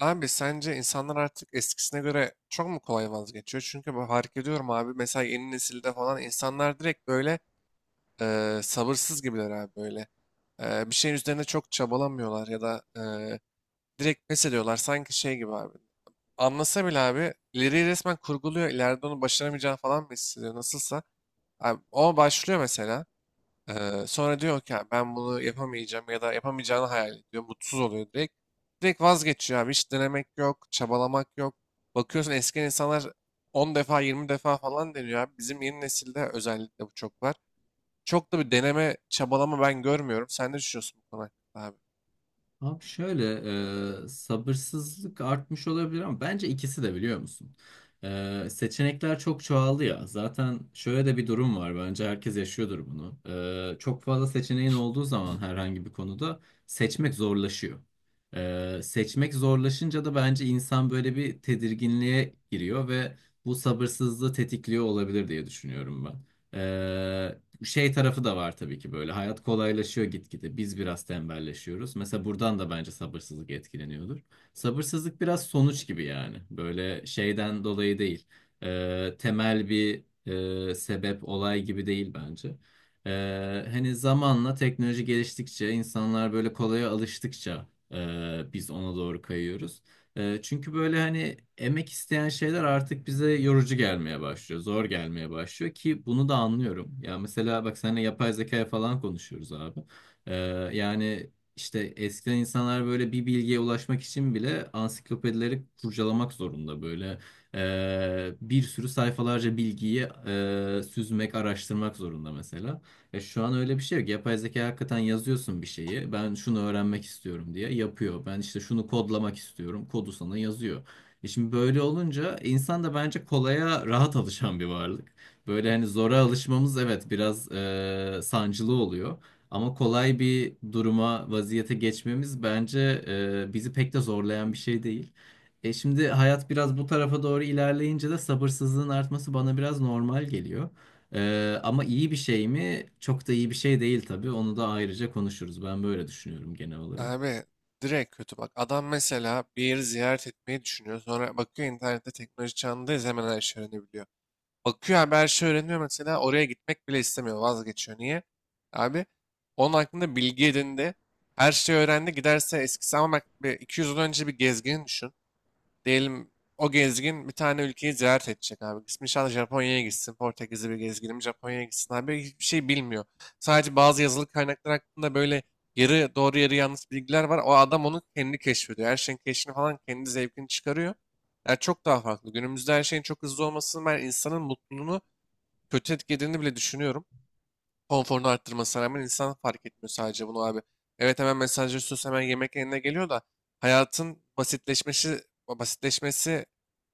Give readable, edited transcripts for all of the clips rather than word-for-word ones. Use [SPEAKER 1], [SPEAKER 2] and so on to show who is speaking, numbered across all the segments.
[SPEAKER 1] Abi sence insanlar artık eskisine göre çok mu kolay vazgeçiyor? Çünkü ben fark ediyorum abi mesela yeni nesilde falan insanlar direkt böyle sabırsız gibiler abi böyle. Bir şeyin üzerine çok çabalamıyorlar ya da direkt pes ediyorlar sanki şey gibi abi. Anlasa bile abi ileriyi resmen kurguluyor ileride onu başaramayacağını falan mı hissediyor nasılsa. Abi, o başlıyor mesela. Sonra diyor ki "Ya ben bunu yapamayacağım ya da yapamayacağını hayal ediyor. Mutsuz oluyor direkt. Direkt vazgeçiyor abi. Hiç denemek yok, çabalamak yok. Bakıyorsun eski insanlar 10 defa 20 defa falan deniyor abi. Bizim yeni nesilde özellikle bu çok var. Çok da bir deneme, çabalama ben görmüyorum. Sen ne düşünüyorsun bu konu hakkında abi?
[SPEAKER 2] Abi şöyle sabırsızlık artmış olabilir ama bence ikisi de biliyor musun? Seçenekler çok çoğaldı ya. Zaten şöyle de bir durum var. Bence herkes yaşıyordur bunu. Çok fazla seçeneğin olduğu zaman herhangi bir konuda seçmek zorlaşıyor. Seçmek zorlaşınca da bence insan böyle bir tedirginliğe giriyor ve bu sabırsızlığı tetikliyor olabilir diye düşünüyorum ben. Şey tarafı da var tabii ki böyle. Hayat kolaylaşıyor gitgide. Biz biraz tembelleşiyoruz. Mesela buradan da bence sabırsızlık etkileniyordur. Sabırsızlık biraz sonuç gibi yani. Böyle şeyden dolayı değil. Temel bir sebep, olay gibi değil bence. Hani zamanla teknoloji geliştikçe, insanlar böyle kolaya alıştıkça biz ona doğru kayıyoruz. Çünkü böyle hani emek isteyen şeyler artık bize yorucu gelmeye başlıyor, zor gelmeye başlıyor ki bunu da anlıyorum. Ya mesela bak seninle yapay zekaya falan konuşuyoruz abi. E, yani işte eskiden insanlar böyle bir bilgiye ulaşmak için bile ansiklopedileri kurcalamak zorunda böyle. Bir sürü sayfalarca bilgiyi süzmek, araştırmak zorunda mesela. E şu an öyle bir şey yok. Yapay zeka hakikaten yazıyorsun bir şeyi. Ben şunu öğrenmek istiyorum diye yapıyor. Ben işte şunu kodlamak istiyorum. Kodu sana yazıyor. E şimdi böyle olunca insan da bence kolaya rahat alışan bir varlık. Böyle hani zora alışmamız evet biraz sancılı oluyor. Ama kolay bir duruma, vaziyete geçmemiz bence bizi pek de zorlayan bir şey değil. E şimdi hayat biraz bu tarafa doğru ilerleyince de sabırsızlığın artması bana biraz normal geliyor. Ama iyi bir şey mi? Çok da iyi bir şey değil tabii. Onu da ayrıca konuşuruz. Ben böyle düşünüyorum genel olarak.
[SPEAKER 1] Abi direkt kötü bak. Adam mesela bir yeri ziyaret etmeyi düşünüyor. Sonra bakıyor internette teknoloji çağındayız hemen her şey öğrenebiliyor. Bakıyor abi her şey öğreniyor mesela oraya gitmek bile istemiyor vazgeçiyor. Niye? Abi onun hakkında bilgi edindi. Her şeyi öğrendi giderse eskisi ama bak bir 200 yıl önce bir gezgin düşün. Diyelim o gezgin bir tane ülkeyi ziyaret edecek abi. İsmi inşallah Japonya'ya gitsin. Portekizli bir gezginim Japonya'ya gitsin abi. Hiçbir şey bilmiyor. Sadece bazı yazılı kaynaklar hakkında böyle yarı doğru yarı yanlış bilgiler var. O adam onu kendi keşfediyor. Her şeyin keşfini falan kendi zevkini çıkarıyor. Yani çok daha farklı. Günümüzde her şeyin çok hızlı olmasının ben insanın mutluluğunu kötü etkilediğini bile düşünüyorum konforunu arttırmasına rağmen insan fark etmiyor sadece bunu abi. Evet hemen mesajları mesajlaşıyorsun hemen yemek eline geliyor da hayatın basitleşmesi basitleşmesi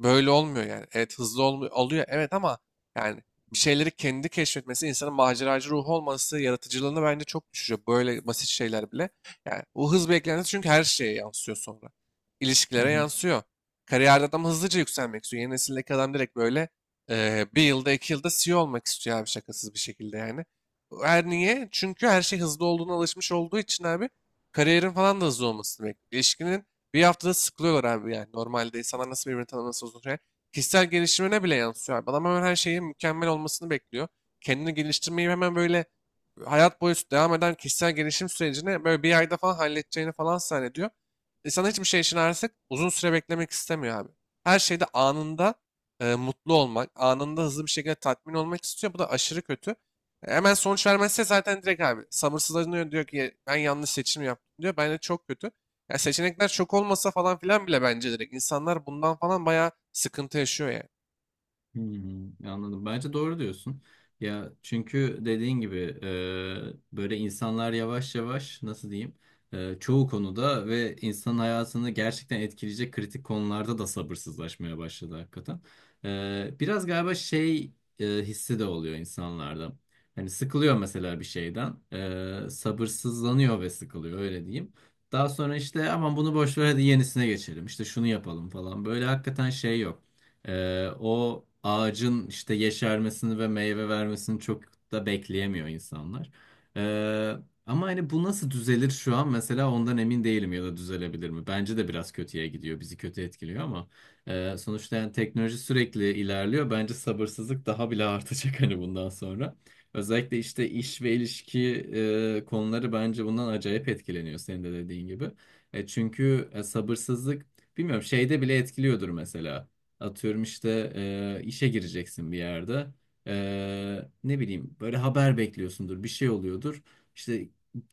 [SPEAKER 1] böyle olmuyor yani. Evet hızlı olmuyor, oluyor evet ama yani bir şeyleri kendi keşfetmesi, insanın maceracı ruhu olması, yaratıcılığını bence çok düşürüyor. Böyle basit şeyler bile. Yani bu hız beklentisi çünkü her şeye yansıyor sonra.
[SPEAKER 2] Hı
[SPEAKER 1] İlişkilere
[SPEAKER 2] hı.
[SPEAKER 1] yansıyor. Kariyerde adam hızlıca yükselmek istiyor. Yeni nesildeki adam direkt böyle bir yılda iki yılda CEO olmak istiyor abi şakasız bir şekilde yani. Her niye? Çünkü her şey hızlı olduğuna alışmış olduğu için abi kariyerin falan da hızlı olmasını bekliyor. İlişkinin bir haftada sıkılıyorlar abi yani. Normalde insanlar nasıl birbirini tanıması uzun süre. Kişisel gelişimine bile yansıyor abi. Adam hemen her şeyin mükemmel olmasını bekliyor. Kendini geliştirmeyi hemen böyle hayat boyu devam eden kişisel gelişim sürecini böyle bir ayda falan halledeceğini falan zannediyor. İnsan hiçbir şey için artık uzun süre beklemek istemiyor abi. Her şeyde anında mutlu olmak, anında hızlı bir şekilde tatmin olmak istiyor. Bu da aşırı kötü. Hemen sonuç vermezse zaten direkt abi sabırsızlanıyor diyor ki ben yanlış seçim yaptım diyor. Bence çok kötü. Ya seçenekler çok olmasa falan filan bile bence direkt insanlar bundan falan bayağı sıkıntı yaşıyor yani.
[SPEAKER 2] Hmm, anladım. Bence doğru diyorsun. Ya çünkü dediğin gibi böyle insanlar yavaş yavaş nasıl diyeyim, çoğu konuda ve insanın hayatını gerçekten etkileyecek kritik konularda da sabırsızlaşmaya başladı hakikaten. Biraz galiba şey hissi de oluyor insanlarda. Hani sıkılıyor mesela bir şeyden, sabırsızlanıyor ve sıkılıyor öyle diyeyim. Daha sonra işte aman bunu boş ver, hadi yenisine geçelim, İşte şunu yapalım falan, böyle hakikaten şey yok. O ağacın işte yeşermesini ve meyve vermesini çok da bekleyemiyor insanlar. Ee, Ama hani bu nasıl düzelir şu an mesela, ondan emin değilim ya da düzelebilir mi? Bence de biraz kötüye gidiyor, bizi kötü etkiliyor ama sonuçta yani teknoloji sürekli ilerliyor. Bence sabırsızlık daha bile artacak hani bundan sonra. Özellikle işte iş ve ilişki konuları bence bundan acayip etkileniyor senin de dediğin gibi. Çünkü sabırsızlık bilmiyorum şeyde bile etkiliyordur mesela. Atıyorum işte işe gireceksin bir yerde. Ne bileyim böyle haber bekliyorsundur, bir şey oluyordur. İşte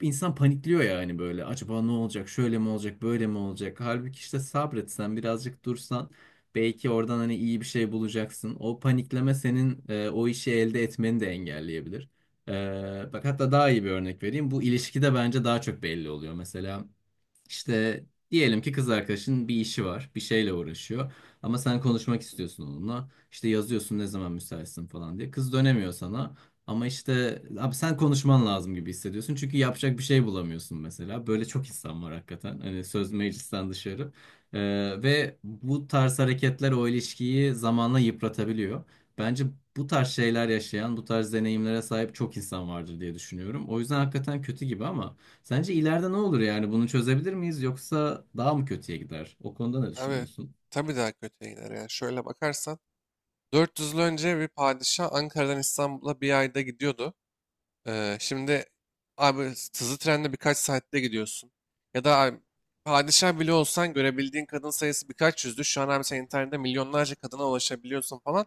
[SPEAKER 2] insan panikliyor yani böyle. Acaba ne olacak? Şöyle mi olacak? Böyle mi olacak? Halbuki işte sabretsen, birazcık dursan belki oradan hani iyi bir şey bulacaksın. O panikleme senin o işi elde etmeni de engelleyebilir. Bak hatta daha iyi bir örnek vereyim. Bu ilişkide bence daha çok belli oluyor. Mesela işte diyelim ki kız arkadaşın bir işi var, bir şeyle uğraşıyor ama sen konuşmak istiyorsun onunla. İşte yazıyorsun ne zaman müsaitsin falan diye. Kız dönemiyor sana ama işte abi sen konuşman lazım gibi hissediyorsun çünkü yapacak bir şey bulamıyorsun mesela. Böyle çok insan var hakikaten. Hani söz meclisten dışarı. Ee, Ve bu tarz hareketler o ilişkiyi zamanla yıpratabiliyor. Bence bu tarz şeyler yaşayan, bu tarz deneyimlere sahip çok insan vardır diye düşünüyorum. O yüzden hakikaten kötü gibi ama sence ileride ne olur yani? Bunu çözebilir miyiz yoksa daha mı kötüye gider? O konuda ne
[SPEAKER 1] Abi
[SPEAKER 2] düşünüyorsun?
[SPEAKER 1] tabii daha kötüye gider yani. Şöyle bakarsan 400 yıl önce bir padişah Ankara'dan İstanbul'a bir ayda gidiyordu. Şimdi abi hızlı trenle birkaç saatte gidiyorsun. Ya da abi, padişah bile olsan görebildiğin kadın sayısı birkaç yüzdü. Şu an abi sen internette milyonlarca kadına ulaşabiliyorsun falan.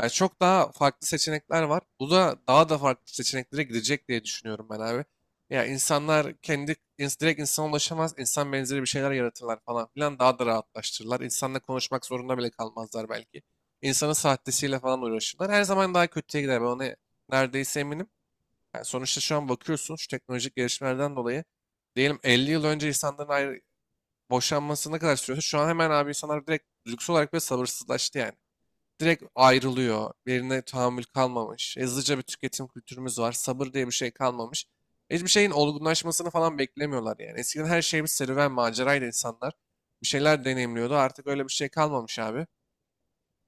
[SPEAKER 1] Yani çok daha farklı seçenekler var. Bu da daha da farklı seçeneklere gidecek diye düşünüyorum ben abi. Ya insanlar kendi direkt insana ulaşamaz. İnsan benzeri bir şeyler yaratırlar falan filan. Daha da rahatlaştırırlar. İnsanla konuşmak zorunda bile kalmazlar belki. İnsanın sahtesiyle falan uğraşırlar. Her zaman daha kötüye gider. Ben ona neredeyse eminim. Yani sonuçta şu an bakıyorsun şu teknolojik gelişmelerden dolayı diyelim 50 yıl önce insanların ayrı, boşanması ne kadar sürüyorsa şu an hemen abi insanlar direkt lüks olarak böyle sabırsızlaştı yani. Direkt ayrılıyor. Birine tahammül kalmamış. Hızlıca bir tüketim kültürümüz var. Sabır diye bir şey kalmamış. Hiçbir şeyin olgunlaşmasını falan beklemiyorlar yani. Eskiden her şey bir serüven, maceraydı insanlar. Bir şeyler deneyimliyordu. Artık öyle bir şey kalmamış abi.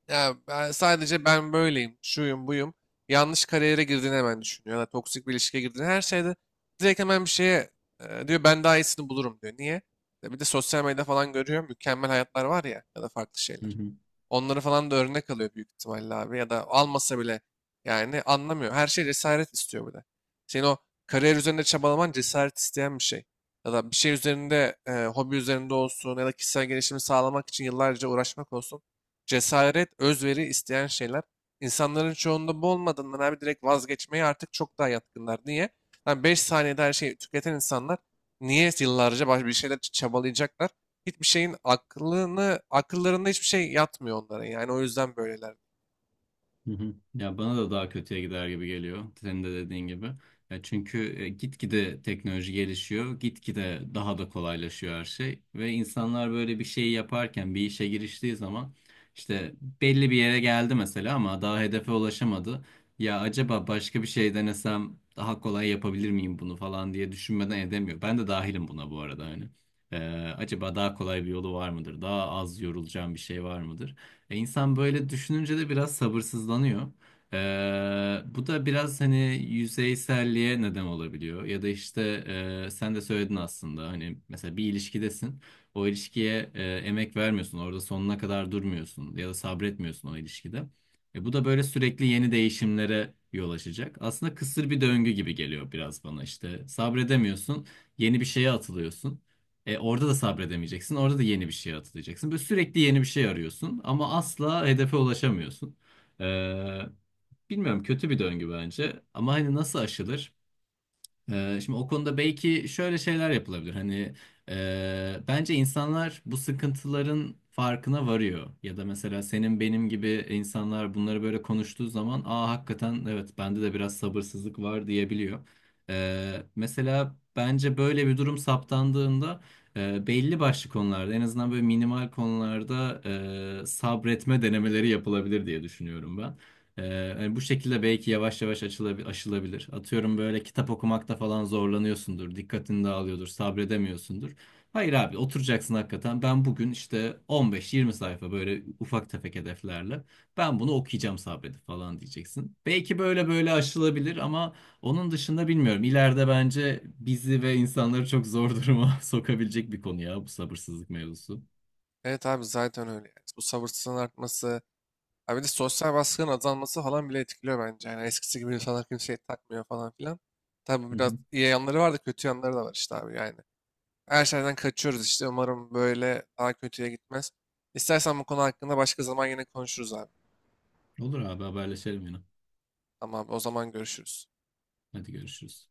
[SPEAKER 1] Ya ben sadece ben böyleyim, şuyum, buyum. Yanlış kariyere girdiğini hemen düşünüyor. Ya da toksik bir ilişkiye girdiğini her şeyde direkt hemen bir şeye diyor ben daha iyisini bulurum diyor. Niye? Ya bir de sosyal medya falan görüyor. Mükemmel hayatlar var ya ya da farklı şeyler. Onları falan da örnek alıyor büyük ihtimalle abi. Ya da almasa bile yani anlamıyor. Her şey cesaret istiyor bir de. Senin o kariyer üzerinde çabalaman cesaret isteyen bir şey. Ya da bir şey üzerinde, hobi üzerinde olsun ya da kişisel gelişimi sağlamak için yıllarca uğraşmak olsun. Cesaret, özveri isteyen şeyler. İnsanların çoğunda bu olmadığından abi direkt vazgeçmeye artık çok daha yatkınlar. Niye? Lan 5 saniyede her şeyi tüketen insanlar niye yıllarca bir şeyler için çabalayacaklar? Hiçbir şeyin aklını, akıllarında hiçbir şey yatmıyor onların yani o yüzden böyleler.
[SPEAKER 2] Hı hı. Ya bana da daha kötüye gider gibi geliyor. Senin de dediğin gibi. Ya çünkü gitgide teknoloji gelişiyor, gitgide daha da kolaylaşıyor her şey ve insanlar böyle bir şeyi yaparken, bir işe giriştiği zaman işte belli bir yere geldi mesela ama daha hedefe ulaşamadı. Ya acaba başka bir şey denesem daha kolay yapabilir miyim bunu falan diye düşünmeden edemiyor. Ben de dahilim buna bu arada hani. Ee, Acaba daha kolay bir yolu var mıdır? Daha az yorulacağım bir şey var mıdır? İnsan böyle düşününce de biraz sabırsızlanıyor. Bu da biraz hani yüzeyselliğe neden olabiliyor. Ya da işte sen de söyledin aslında hani mesela bir ilişkidesin. O ilişkiye emek vermiyorsun. Orada sonuna kadar durmuyorsun ya da sabretmiyorsun o ilişkide. Bu da böyle sürekli yeni değişimlere yol açacak. Aslında kısır bir döngü gibi geliyor biraz bana işte. Sabredemiyorsun, yeni bir şeye atılıyorsun. Orada da sabredemeyeceksin. Orada da yeni bir şey atılacaksın. Böyle sürekli yeni bir şey arıyorsun ama asla hedefe ulaşamıyorsun. E, Bilmiyorum, kötü bir döngü bence. Ama hani nasıl aşılır? Şimdi o konuda belki şöyle şeyler yapılabilir. Hani bence insanlar bu sıkıntıların farkına varıyor. Ya da mesela senin benim gibi insanlar bunları böyle konuştuğu zaman aa hakikaten evet bende de biraz sabırsızlık var diyebiliyor. Mesela bence böyle bir durum saptandığında belli başlı konularda en azından böyle minimal konularda sabretme denemeleri yapılabilir diye düşünüyorum. Hani bu şekilde belki yavaş yavaş aşılabilir. Atıyorum böyle kitap okumakta falan zorlanıyorsundur, dikkatini dağılıyordur, sabredemiyorsundur. Hayır abi oturacaksın hakikaten. Ben bugün işte 15-20 sayfa böyle ufak tefek hedeflerle ben bunu okuyacağım sabredip falan diyeceksin. Belki böyle böyle aşılabilir ama onun dışında bilmiyorum. İleride bence bizi ve insanları çok zor duruma sokabilecek bir konu ya bu sabırsızlık mevzusu.
[SPEAKER 1] Evet abi zaten öyle yani. Bu sabırsızlığın artması, abi bir de sosyal baskının azalması falan bile etkiliyor bence. Yani eskisi gibi insanlar kimseye takmıyor falan filan. Tabii bu
[SPEAKER 2] Hı
[SPEAKER 1] biraz
[SPEAKER 2] hı.
[SPEAKER 1] iyi yanları var da kötü yanları da var işte abi yani. Her şeyden kaçıyoruz işte umarım böyle daha kötüye gitmez. İstersen bu konu hakkında başka zaman yine konuşuruz abi.
[SPEAKER 2] Olur abi, haberleşelim yine.
[SPEAKER 1] Tamam abi, o zaman görüşürüz.
[SPEAKER 2] Hadi görüşürüz.